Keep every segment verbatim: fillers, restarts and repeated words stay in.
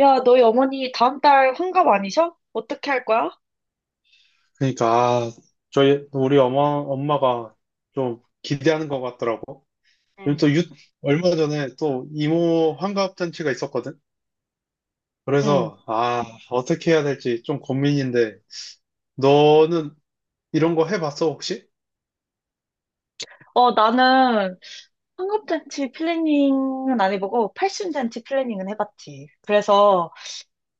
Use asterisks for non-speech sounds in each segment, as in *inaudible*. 야, 너희 어머니 다음 달 환갑 아니셔? 어떻게 할 거야? 그러니까 아, 저희 우리 엄마 엄마가 좀 기대하는 것 같더라고. 그리고 응, 또 유, 얼마 전에 또 이모 환갑 잔치가 있었거든. 응, 그래서 아 어떻게 해야 될지 좀 고민인데, 너는 이런 거 해봤어 혹시? 어, 나는 환갑잔치 플래닝은 안 해보고 팔순잔치 플래닝은 해봤지. 그래서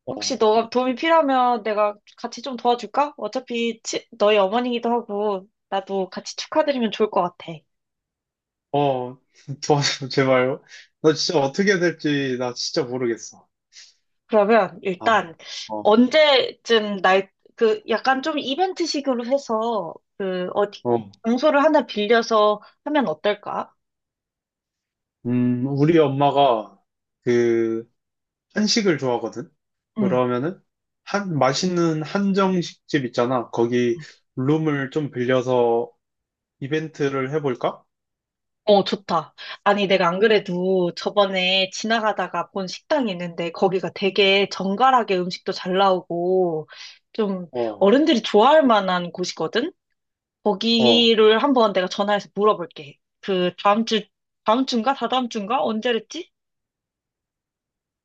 어, 혹시 너가 도움이 필요하면 내가 같이 좀 도와줄까? 어차피 치- 너희 어머니기도 하고 나도 같이 축하드리면 좋을 것 같아. 어 *laughs* 도와줘 제발. 나 진짜 어떻게 해야 될지, 나 진짜 모르겠어. 그러면 아, 일단 어, 언제쯤 날, 그 약간 좀 이벤트식으로 해서 그 어디 어, 장소를 하나 빌려서 하면 어떨까? 음 우리 엄마가 그 한식을 좋아하거든? 응. 그러면은, 한, 맛있는 한정식집 있잖아. 거기 룸을 좀 빌려서 이벤트를 해볼까? 어, 좋다. 아니, 내가 안 그래도 저번에 지나가다가 본 식당이 있는데 거기가 되게 정갈하게 음식도 잘 나오고 좀 어, 어른들이 좋아할 만한 곳이거든? 어. 거기를 한번 내가 전화해서 물어볼게. 그 다음 주, 다음 주인가? 다다음 주인가? 언제랬지?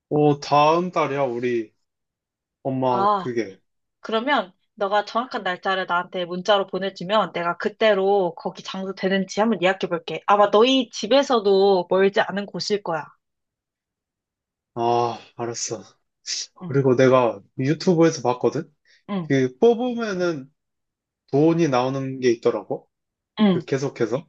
어, 다음 달이야, 우리 엄마 아, 그게. 그러면 너가 정확한 날짜를 나한테 문자로 보내주면 내가 그때로 거기 장소 되는지 한번 예약해볼게. 아마 너희 집에서도 멀지 않은 곳일 거야. 아, 알았어. 응, 그리고 내가 유튜브에서 봤거든? 응, 그 뽑으면은 돈이 나오는 게 있더라고. 그 응. 계속해서.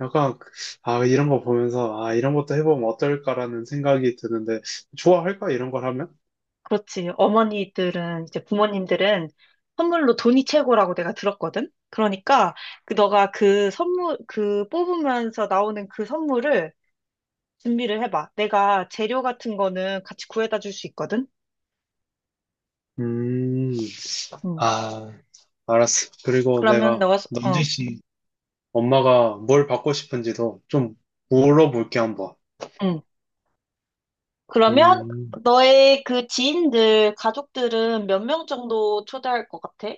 약간, 아, 이런 거 보면서, 아, 이런 것도 해보면 어떨까라는 생각이 드는데, 좋아할까 이런 걸 하면? 그렇지. 어머니들은, 이제 부모님들은 선물로 돈이 최고라고 내가 들었거든? 그러니까, 그, 너가 그 선물, 그 뽑으면서 나오는 그 선물을 준비를 해봐. 내가 재료 같은 거는 같이 구해다 줄 수 있거든? 음, 응. 아. 알았어. 그리고 그러면 내가 너가, 소- 남진 어, 씨 엄마가 뭘 받고 싶은지도 좀 물어볼게 한번. 응. 그러면 음, 너의 그 지인들, 가족들은 몇 명 정도 초대할 것 같아?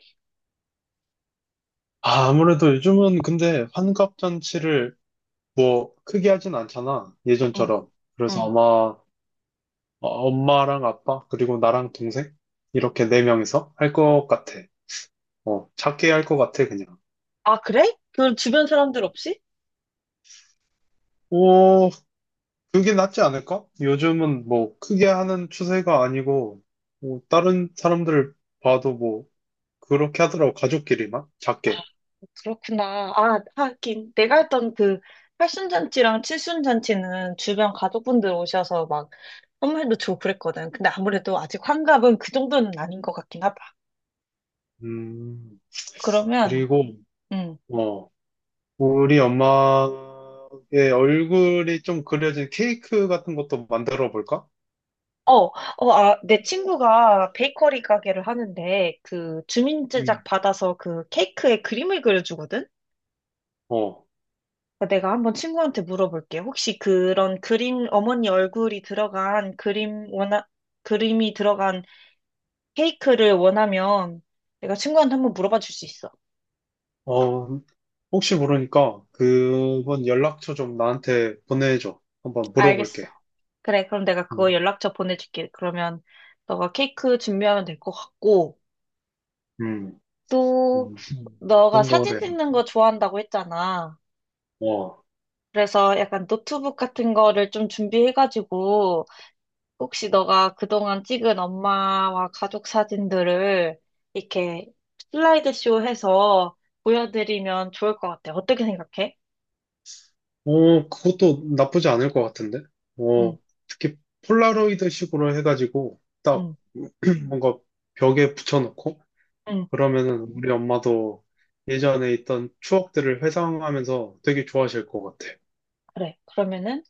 아, 아무래도 요즘은 근데 환갑 잔치를 뭐 크게 하진 않잖아. 응, 예전처럼. 그래서 응. 아마 어, 엄마랑 아빠 그리고 나랑 동생 이렇게 네 명이서 할 것 같아. 어, 작게 할 것 같아 그냥. 아, 그래? 그 주변 사람들 없이? 오, 그게 낫지 않을까? 요즘은 뭐 크게 하는 추세가 아니고 뭐 다른 사람들 봐도 뭐 그렇게 하더라고, 가족끼리만. 작게. 그렇구나. 아, 하긴. 내가 했던 그 팔순잔치랑 칠순잔치는 주변 가족분들 오셔서 막 선물도 주고 그랬거든. 근데 아무래도 아직 환갑은 그 정도는 아닌 것 같긴 하다. 음, 그러면, 그리고, 음. 어, 우리 엄마의 얼굴이 좀 그려진 케이크 같은 것도 만들어 볼까? 어, 어, 아, 내 친구가 베이커리 가게를 하는데 그 주민 제작 음. 받아서 그 케이크에 그림을 그려주거든? 어, 내가 한번 친구한테 물어볼게. 혹시 그런 그림, 어머니 얼굴이 들어간 그림 원하, 그림이 들어간 케이크를 원하면 내가 친구한테 한번 물어봐 줄 수 있어. 어, 혹시 모르니까 그분 연락처 좀 나한테 보내줘. 한번 알겠어. 물어볼게. 그래, 그럼 내가 그거 음, 연락처 보내줄게. 그러면 너가 케이크 준비하면 될 것 같고, 음, 또 음, 너가 어떤 거래. 사진 찍는 거 좋아한다고 했잖아. 아, 어. 그래서 약간 노트북 같은 거를 좀 준비해가지고, 혹시 너가 그동안 찍은 엄마와 가족 사진들을 이렇게 슬라이드쇼 해서 보여드리면 좋을 것 같아. 어떻게 생각해? 어, 그것도 나쁘지 않을 것 같은데? 응, 어, 특히 폴라로이드식으로 해가지고 딱 응, *clears throat* 뭔가 벽에 붙여놓고, 응. 그러면은 우리 엄마도 예전에 있던 추억들을 회상하면서 되게 좋아하실 것 같아. 그래. 그러면은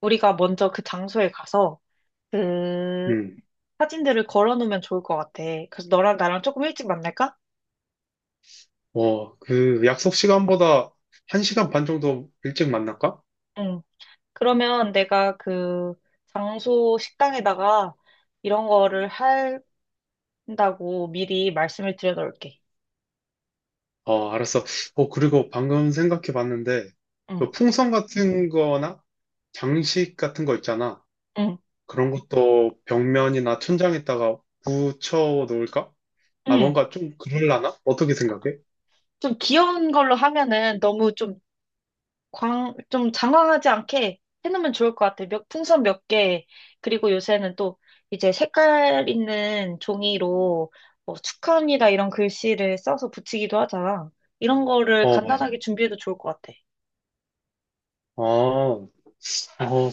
우리가 먼저 그 장소에 가서 그 음, 사진들을 걸어 놓으면 좋을 것 같아. 그래서 너랑 나랑 조금 일찍 만날까? 어, 그 약속 시간보다 한 시간 반 정도 일찍 만날까? 응. 그러면 내가 그 장소 식당에다가 이런 거를 한다고 미리 말씀을 드려 놓을게. 어, 알았어. 어, 그리고 방금 생각해 봤는데, 응, 그 풍선 같은 거나 장식 같은 거 있잖아. 응, 그런 것도 벽면이나 천장에다가 붙여 놓을까? 아, 응. 뭔가 좀 그럴라나? 어떻게 생각해? 좀 귀여운 걸로 하면은 너무 좀 광, 좀 장황하지 않게 해놓으면 좋을 것 같아요. 몇, 풍선 몇 개, 그리고 요새는 또 이제 색깔 있는 종이로 뭐 축하합니다 이런 글씨를 써서 붙이기도 하잖아. 이런 거를 어, 맞아. 간단하게 준비해도 좋을 것 같아. 아, 어,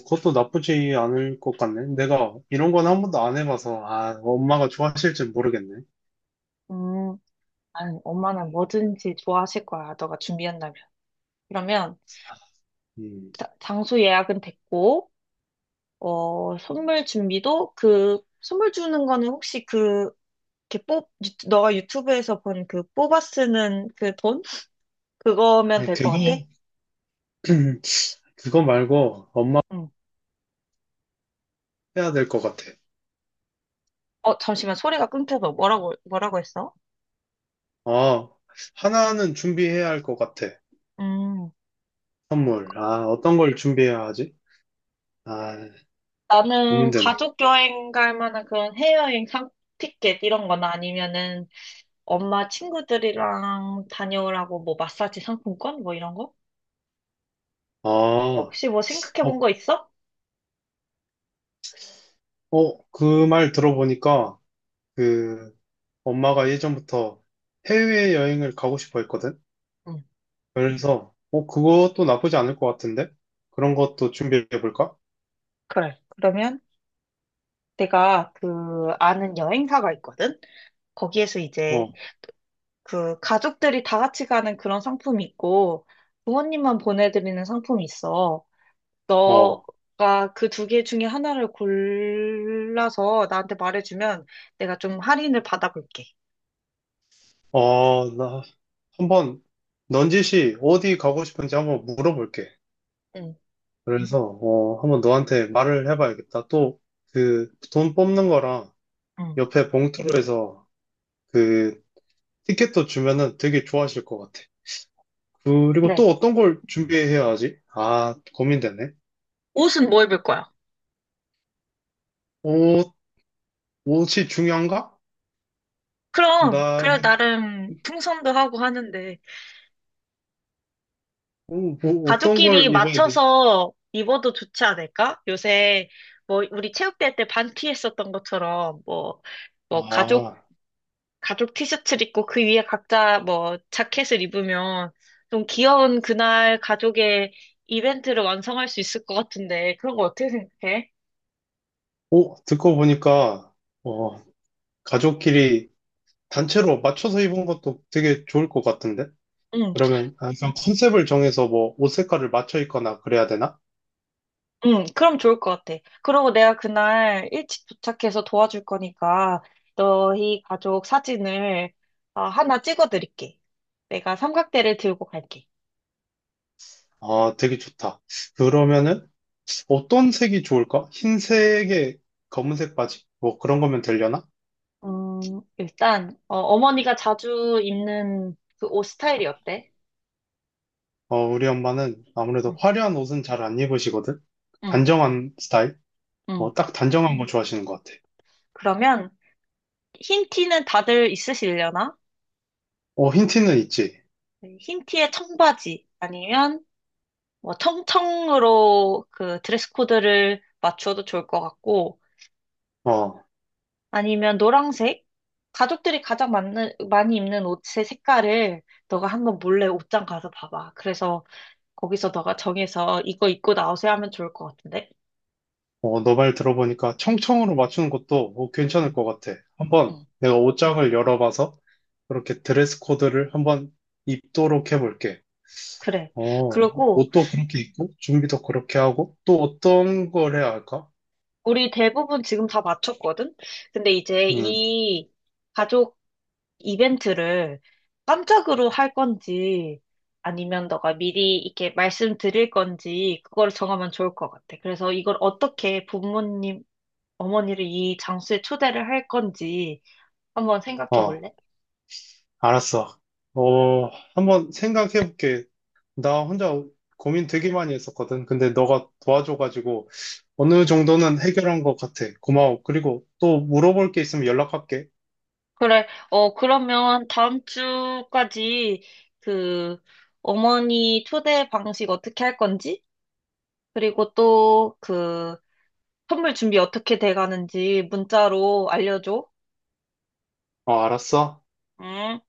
그것도 나쁘지 않을 것 같네. 내가 이런 건 한 번도 안 해봐서, 아, 엄마가 좋아하실지 모르겠네. 음, 아니, 엄마는 뭐든지 좋아하실 거야, 너가 준비한다면. 그러면 음, 자- 장소 예약은 됐고, 어, 선물 준비도 그, 선물 주는 거는 혹시 그, 이렇게 뽑, 유- 너가 유튜브에서 본 그 뽑아 쓰는 그 돈? 그거면 아 될 것 같아? 그거, *clears throat* 그거 말고 엄마 응. 해야 될 것 같아. 어, 잠시만, 소리가 끊겨서 뭐라고, 뭐라고 했어? 아, 하나는 준비해야 할 것 같아. 음, 선물. 아, 어떤 걸 준비해야 하지? 아, 나는 고민되네. 가족 여행 갈 만한 그런 해외여행 상 티켓 이런 거나 아니면은 엄마 친구들이랑 다녀오라고 뭐 마사지 상품권 뭐 이런 거? 아, 어, 혹시 뭐 생각해 본 거 있어? 어, 그 말 들어보니까 그 엄마가 예전부터 해외여행을 가고 싶어 했거든. 응, 그래서 어 그것도 나쁘지 않을 것 같은데, 그런 것도 준비해 볼까? 그래. 그러면 내가 그 아는 여행사가 있거든? 거기에서 이제 어, 그 가족들이 다 같이 가는 그런 상품이 있고 부모님만 보내드리는 상품이 있어. 어, 너가 그 두 개 중에 하나를 골라서 나한테 말해주면 내가 좀 할인을 받아볼게. 어, 나 한번 넌지시 어디 가고 싶은지 한번 물어볼게. 응. 그래서 어 한번 너한테 말을 해봐야겠다. 또 그 돈 뽑는 거랑 응. 옆에 봉투로 해서 그 티켓도 주면은 되게 좋아하실 것 같아. 그리고 또 그래. 어떤 걸 준비해야 하지? 아, 고민되네. 옷은 뭐 입을 거야? 어, 옷이 중요한가? 그럼, 나는 그래, 나름 풍선도 하고 하는데, 어, 뭐 어떤 가족끼리 걸 입어야 되지? 맞춰서 입어도 좋지 않을까? 요새, 뭐, 우리 체육대회 때 반티 했었던 것처럼, 뭐, 뭐, 가족 아, 가족 티셔츠를 입고 그 위에 각자 뭐 자켓을 입으면 좀 귀여운 그날 가족의 이벤트를 완성할 수 있을 것 같은데 그런 거 어떻게 생각해? 오 듣고 보니까 어, 가족끼리 단체로 맞춰서 입은 것도 되게 좋을 것 같은데? 응, 그러면 항상 컨셉을 정해서 뭐 옷 색깔을 맞춰 입거나 그래야 되나? 응, 그럼 좋을 것 같아. 그리고 내가 그날 일찍 도착해서 도와줄 거니까 너희 가족 사진을 어, 하나 찍어드릴게. 내가 삼각대를 들고 갈게. 아, 되게 좋다. 그러면은 어떤 색이 좋을까? 흰색에 검은색 바지? 뭐 그런 거면 되려나? 음, 일단 어, 어머니가 자주 입는 그 옷 스타일이 어때? 어, 우리 엄마는 아무래도 응, 화려한 옷은 잘 안 입으시거든? 응, 단정한 스타일? 응. 어, 딱 단정한 거 좋아하시는 것 같아. 그러면 흰 티는 다들 있으시려나? 어, 힌트는 있지. 네, 흰 티에 청바지 아니면 뭐 청청으로 그 드레스 코드를 맞춰도 좋을 것 같고 어, 아니면 노란색? 가족들이 가장 많은, 많이 입는 옷의 색깔을 너가 한번 몰래 옷장 가서 봐봐. 그래서 거기서 너가 정해서 이거 입고 나오세요 하면 좋을 것 같은데? 어, 너 말 들어보니까 청청으로 맞추는 것도 어, 괜찮을 응, 것 같아. 한번 응, 내가 옷장을 열어봐서 그렇게 드레스 코드를 한번 입도록 해볼게. 그래. 어, 그리고 옷도 그렇게 입고, 준비도 그렇게 하고, 또 어떤 걸 해야 할까? 우리 대부분 지금 다 맞췄거든? 근데 이제 음, 이 가족 이벤트를 깜짝으로 할 건지 아니면 너가 미리 이렇게 말씀드릴 건지 그걸 정하면 좋을 것 같아. 그래서 이걸 어떻게 부모님, 어머니를 이 장소에 초대를 할 건지 한번 생각해 어, 볼래? 알았어. 어, 한번 생각해볼게. 나 혼자 고민 되게 많이 했었거든. 근데 너가 도와줘가지고 어느 정도는 해결한 것 같아. 고마워. 그리고 또 물어볼 게 있으면 연락할게. 그래, 어, 그러면 다음 주까지 그 어머니 초대 방식 어떻게 할 건지 그리고 또 그 선물 준비 어떻게 돼 가는지 문자로 알려줘. 어, 알았어. 음.